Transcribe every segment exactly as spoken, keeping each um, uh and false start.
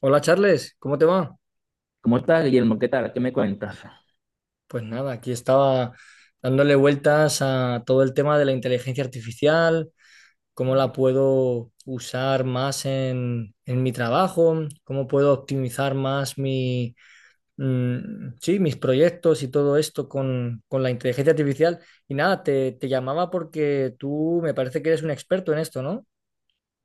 Hola Charles, ¿cómo te va? ¿Cómo estás, Guillermo? ¿Qué tal? ¿Qué me cuentas? Pues nada, aquí estaba dándole vueltas a todo el tema de la inteligencia artificial, cómo la puedo usar más en, en mi trabajo, cómo puedo optimizar más mi, mm, sí, mis proyectos y todo esto con, con la inteligencia artificial. Y nada, te, te llamaba porque tú me parece que eres un experto en esto, ¿no?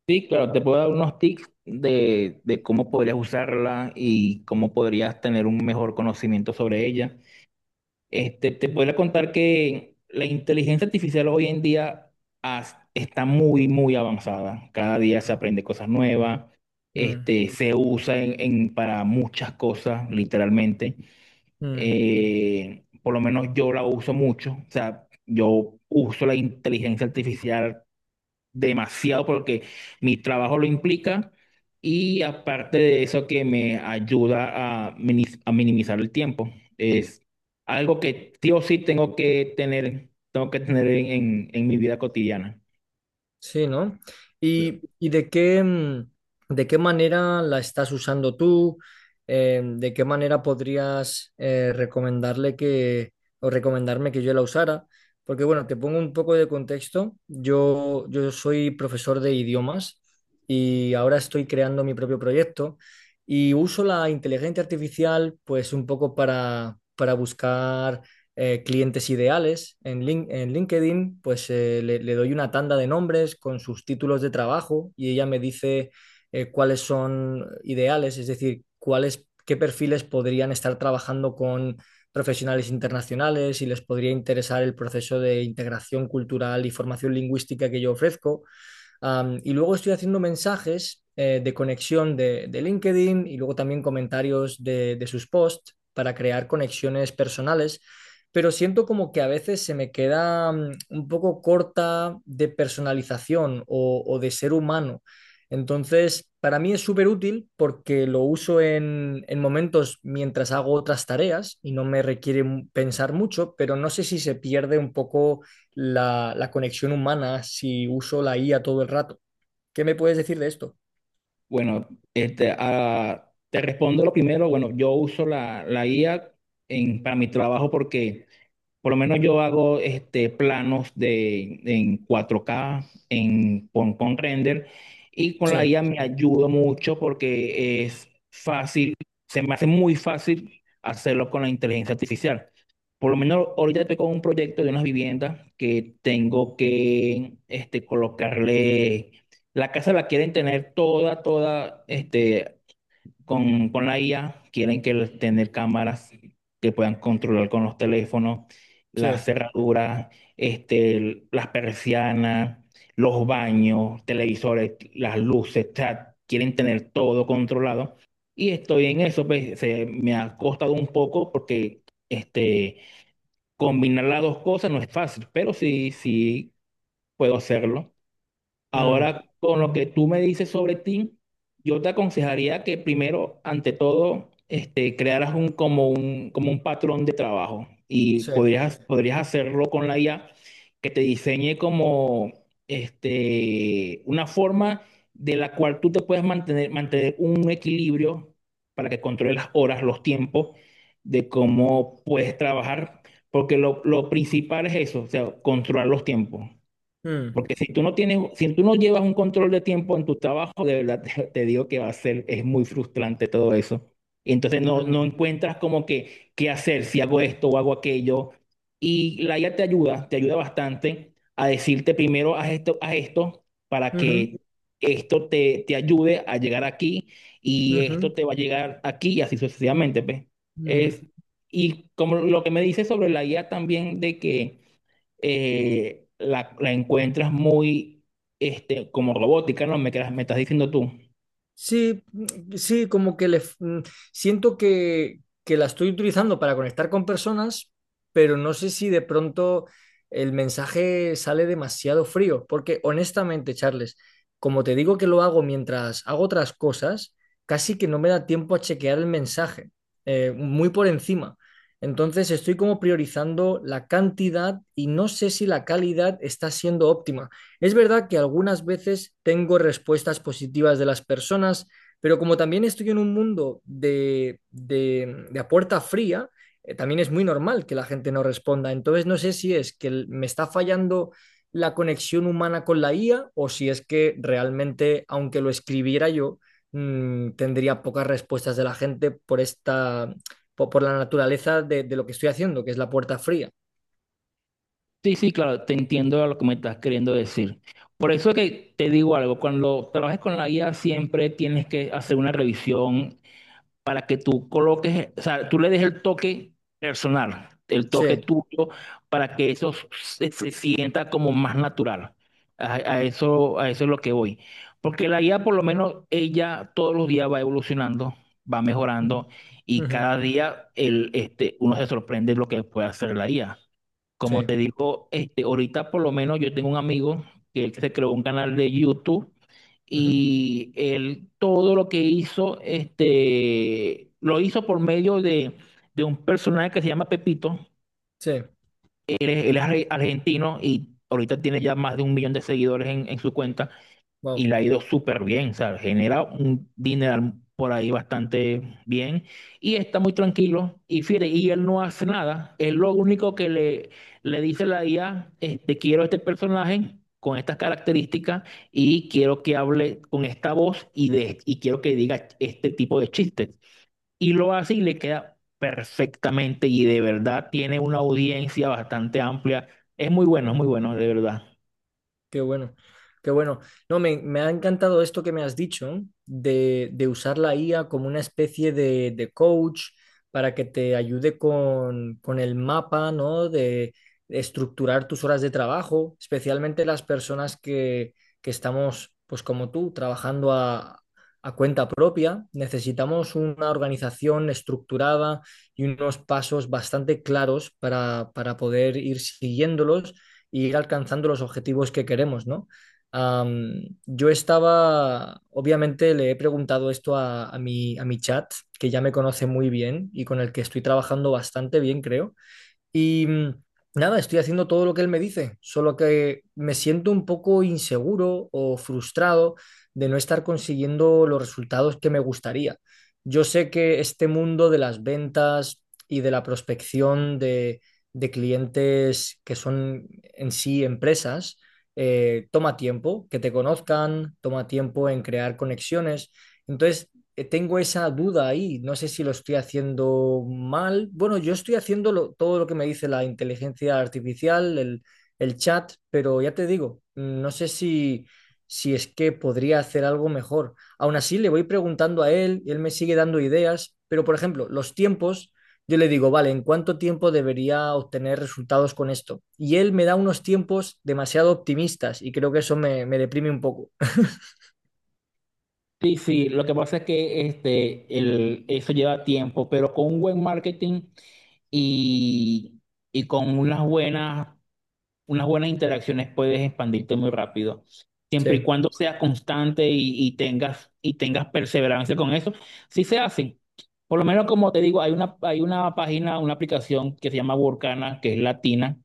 Sí, claro, te puedo dar unos tips de, de cómo podrías usarla y cómo podrías tener un mejor conocimiento sobre ella. Este, te podría contar que la inteligencia artificial hoy en día has- está muy, muy avanzada. Cada día se aprende cosas nuevas, Mm, este, se usa en, en- para muchas cosas, literalmente. mm. Eh, por lo menos yo la uso mucho. O sea, yo uso la inteligencia artificial demasiado porque mi trabajo lo implica y aparte de eso que me ayuda a, minis- a minimizar el tiempo. Es algo que sí o sí tengo que tener, tengo que tener en, en- en mi vida cotidiana. Sí, ¿no? ¿Y, y de qué, mm, de qué manera la estás usando tú? Eh, ¿de qué manera podrías eh, recomendarle que, o recomendarme que yo la usara? Porque bueno, te pongo un poco de contexto. Yo, yo soy profesor de idiomas y ahora estoy creando mi propio proyecto y uso la inteligencia artificial pues un poco para, para buscar eh, clientes ideales en, Lin- en LinkedIn, pues eh, le, le doy una tanda de nombres con sus títulos de trabajo y ella me dice eh, cuáles son ideales, es decir, cuáles, qué perfiles podrían estar trabajando con profesionales internacionales y les podría interesar el proceso de integración cultural y formación lingüística que yo ofrezco. Am, y luego estoy haciendo mensajes eh, de conexión de, de LinkedIn y luego también comentarios de, de sus posts para crear conexiones personales, pero siento como que a veces se me queda mm, un poco corta de personalización o, o de ser humano. Entonces, para mí es súper útil porque lo uso en, en momentos mientras hago otras tareas y no me requiere mu- pensar mucho, pero no sé si se pierde un poco la, la conexión humana si uso la I A todo el rato. ¿Qué me puedes decir de esto? Bueno, este, ah, te respondo lo primero. Bueno, yo uso la, la I A en, para mi trabajo porque... Por lo menos yo hago este, planos de, en cuatro K, en, con, con render, y con Sí, la I A me ayuda mucho porque es fácil, se me hace muy fácil hacerlo con la inteligencia artificial. Por lo menos ahorita estoy con un proyecto de unas viviendas que tengo que este, colocarle, la casa la quieren tener toda, toda este, con, con la I A, quieren que el- tener cámaras que puedan controlar con los teléfonos, sí, las cerraduras, este, el- las persianas, los baños, televisores, las luces, o sea, quieren tener todo controlado. Y estoy en eso, pues, se me ha costado un poco porque este, combinar las dos cosas no es fácil, pero sí, sí puedo hacerlo. mm, Ahora, con lo que tú me dices sobre ti, yo te aconsejaría que primero, ante todo, este, crearas un, como un, como un patrón de trabajo y sí, podrías, podrías hacerlo con la I A que te diseñe como este, una forma de la cual tú te puedes mantener, mantener un equilibrio para que controles las horas, los tiempos de cómo puedes trabajar, porque lo, lo principal es eso, o sea, controlar los tiempos. mm, Porque si tú no tienes, si tú no llevas un control de tiempo en tu trabajo, de verdad te, te digo que va a ser, es muy frustrante todo eso. Y entonces no, no mm, encuentras como que qué hacer, si hago esto o hago aquello. Y la I A te ayuda, te ayuda bastante a decirte primero haz esto, haz esto, para ujú, que esto te, te ayude a llegar aquí y esto ujú, te va a llegar aquí y así sucesivamente, pues. mm. Es, y como lo que me dice sobre la I A también de que eh, la, la encuentras muy este, como robótica, ¿no? Me, quedas- me estás diciendo tú. Sí, mm, sí, como que le, f- mm, siento que, que la estoy utilizando para conectar con personas, pero no sé si de pronto el mensaje sale demasiado frío, porque honestamente, Charles, como te digo que lo hago mientras hago otras cosas, casi que no me da tiempo a chequear el mensaje, eh, muy por encima. Entonces estoy como priorizando la cantidad y no sé si la calidad está siendo óptima. Es verdad que algunas veces tengo respuestas positivas de las personas, pero como también estoy en un mundo de, de, de a puerta fría, eh, también es muy normal que la gente no responda. Entonces no sé si es que el- me está fallando la conexión humana con la I A o si es que realmente, aunque lo escribiera yo, mm, tendría pocas respuestas de la gente por esta, po- por, la naturaleza de, de lo que estoy haciendo, que es la puerta fría. Sí, sí, claro, te entiendo lo que me estás queriendo decir. Por eso que te digo algo, cuando trabajes con la I A siempre tienes que hacer una revisión para que tú coloques, o sea, tú le des el toque personal, el toque Sí. tuyo, para que eso se, se sienta como más natural. A, a eso, a eso es lo que voy. Porque la guía, por lo menos, ella todos los días va evolucionando, va Ujú. mejorando y Ujú. cada día el, este, uno se sorprende lo que puede hacer la guía. Como Sí. te digo, este, ahorita por lo menos yo tengo un amigo que él se creó un canal de YouTube Ujú. y él todo lo que hizo, este, lo hizo por medio de, de un personaje que se llama Pepito. Sí. Él es, él es argentino y ahorita tiene ya más de un millón de seguidores en en su cuenta y Wow, le ha ido súper bien, ¿sabes? Genera un dinero por ahí bastante bien y está muy tranquilo. Y fíjate, y él no hace nada. Él lo único que le, le dice a la I A, este, quiero este personaje con estas características y quiero que hable con esta voz y, de, y quiero que diga este tipo de chistes. Y lo hace y le queda perfectamente y de verdad tiene una audiencia bastante amplia. Es muy bueno, es muy bueno, de verdad. qué bueno, qué bueno. No, me, me ha encantado esto que me has dicho de, de usar la I A como una especie de, de coach para que te ayude con, con el mapa, ¿no? De, de estructurar tus horas de trabajo, especialmente las personas que, que estamos, pues como tú, trabajando a, a cuenta propia. Necesitamos una organización estructurada y unos pasos bastante claros para, para poder ir siguiéndolos y ir alcanzando los objetivos que queremos, ¿no? Um, yo estaba, obviamente le he preguntado esto a, a mi, a mi chat, que ya me conoce muy bien y con el que estoy trabajando bastante bien, creo. Y mm, nada, estoy haciendo todo lo que él me dice, solo que me siento un poco inseguro o frustrado de no estar consiguiendo los resultados que me gustaría. Yo sé que este mundo de las ventas y de la prospección de, de clientes que son en sí empresas, eh, toma tiempo que te conozcan, toma tiempo en crear conexiones. Entonces, eh, tengo esa duda ahí, no sé si lo estoy haciendo mal. Bueno, yo estoy haciendo lo- todo lo que me dice la inteligencia artificial, el, el chat, pero ya te digo, no sé si, si es que podría hacer algo mejor. Aún así, le voy preguntando a él, y él me sigue dando ideas, pero por ejemplo, los tiempos, yo le digo, vale, ¿en cuánto tiempo debería obtener resultados con esto? Y él me da unos tiempos demasiado optimistas y creo que eso me, me deprime un poco. Sí, sí, lo que pasa es que este, el, eso lleva tiempo, pero con un buen marketing y, y con unas buenas, unas buenas interacciones puedes expandirte muy rápido. Sí, Siempre y cuando seas constante y, y tengas, y tengas perseverancia con eso, sí se hace. Por lo menos, como te digo, hay una, hay una página, una aplicación que se llama Workana, que es latina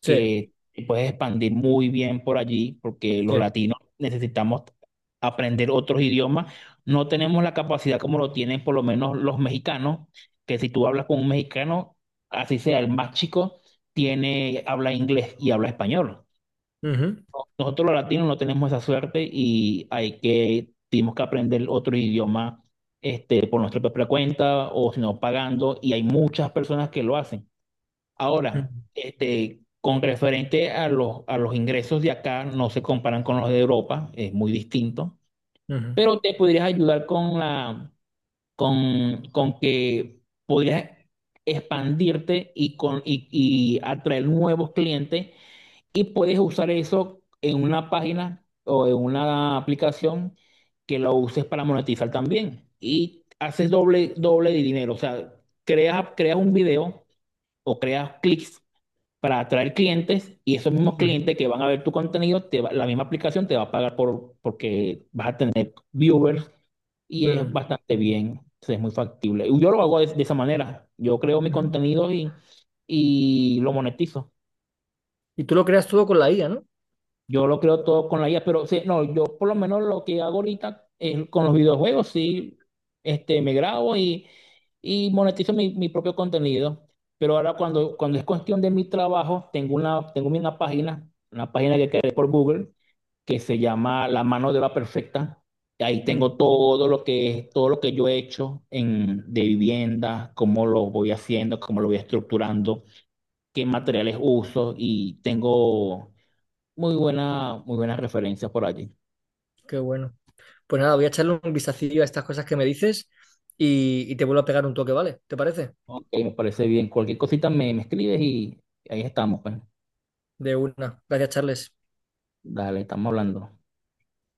sí, que te puedes expandir muy bien por allí, porque los sí. latinos necesitamos aprender otros idiomas. No tenemos la capacidad como lo tienen por lo menos los mexicanos, que si tú hablas con un mexicano, así sea el más chico, tiene, habla inglés y habla español. Ujú. Nosotros los latinos no tenemos esa suerte y hay que, tenemos que aprender otro idioma este, por nuestra propia cuenta o si no pagando y hay muchas personas que lo hacen. Ahora, este, con referente a los, a los ingresos de acá, no se comparan con los de Europa, es muy distinto, Ujú, pero te podrías ayudar con la, con, con que podrías expandirte y, con, y, y atraer nuevos clientes y puedes usar eso en una página o en una aplicación que lo uses para monetizar también y haces doble, doble de dinero, o sea, creas, creas un video o creas clics para atraer clientes y esos mismos ujú, clientes que van a ver tu contenido, te va- la misma aplicación te va a pagar por, porque vas a tener viewers y es ujú, bastante bien, es muy factible. Y yo lo hago de, de esa manera, yo creo mi ujú. contenido y, y lo monetizo. Y tú lo creas todo con la I A, ¿no? Yo lo creo todo con la I A, pero sí, no, yo por lo menos lo que hago ahorita es con los videojuegos, sí, este, me grabo y, y monetizo mi, mi propio contenido. Pero ahora cuando, cuando es cuestión de mi trabajo, tengo una, tengo una página, una página que creé por Google, que se llama La mano de la perfecta. Y ahí Mm, tengo todo lo que, es, todo lo que yo he hecho en, de vivienda, cómo lo voy haciendo, cómo lo voy estructurando, qué materiales uso y tengo muy buena, muy buenas referencias por allí. qué bueno. Pues nada, voy a echarle un vistacillo a estas cosas que me dices y, y te vuelvo a pegar un toque, ¿vale? ¿Te parece? Ok, me parece bien. Cualquier cosita me, me escribes y ahí estamos, pues. De una. Gracias, Charles. Dale, estamos hablando.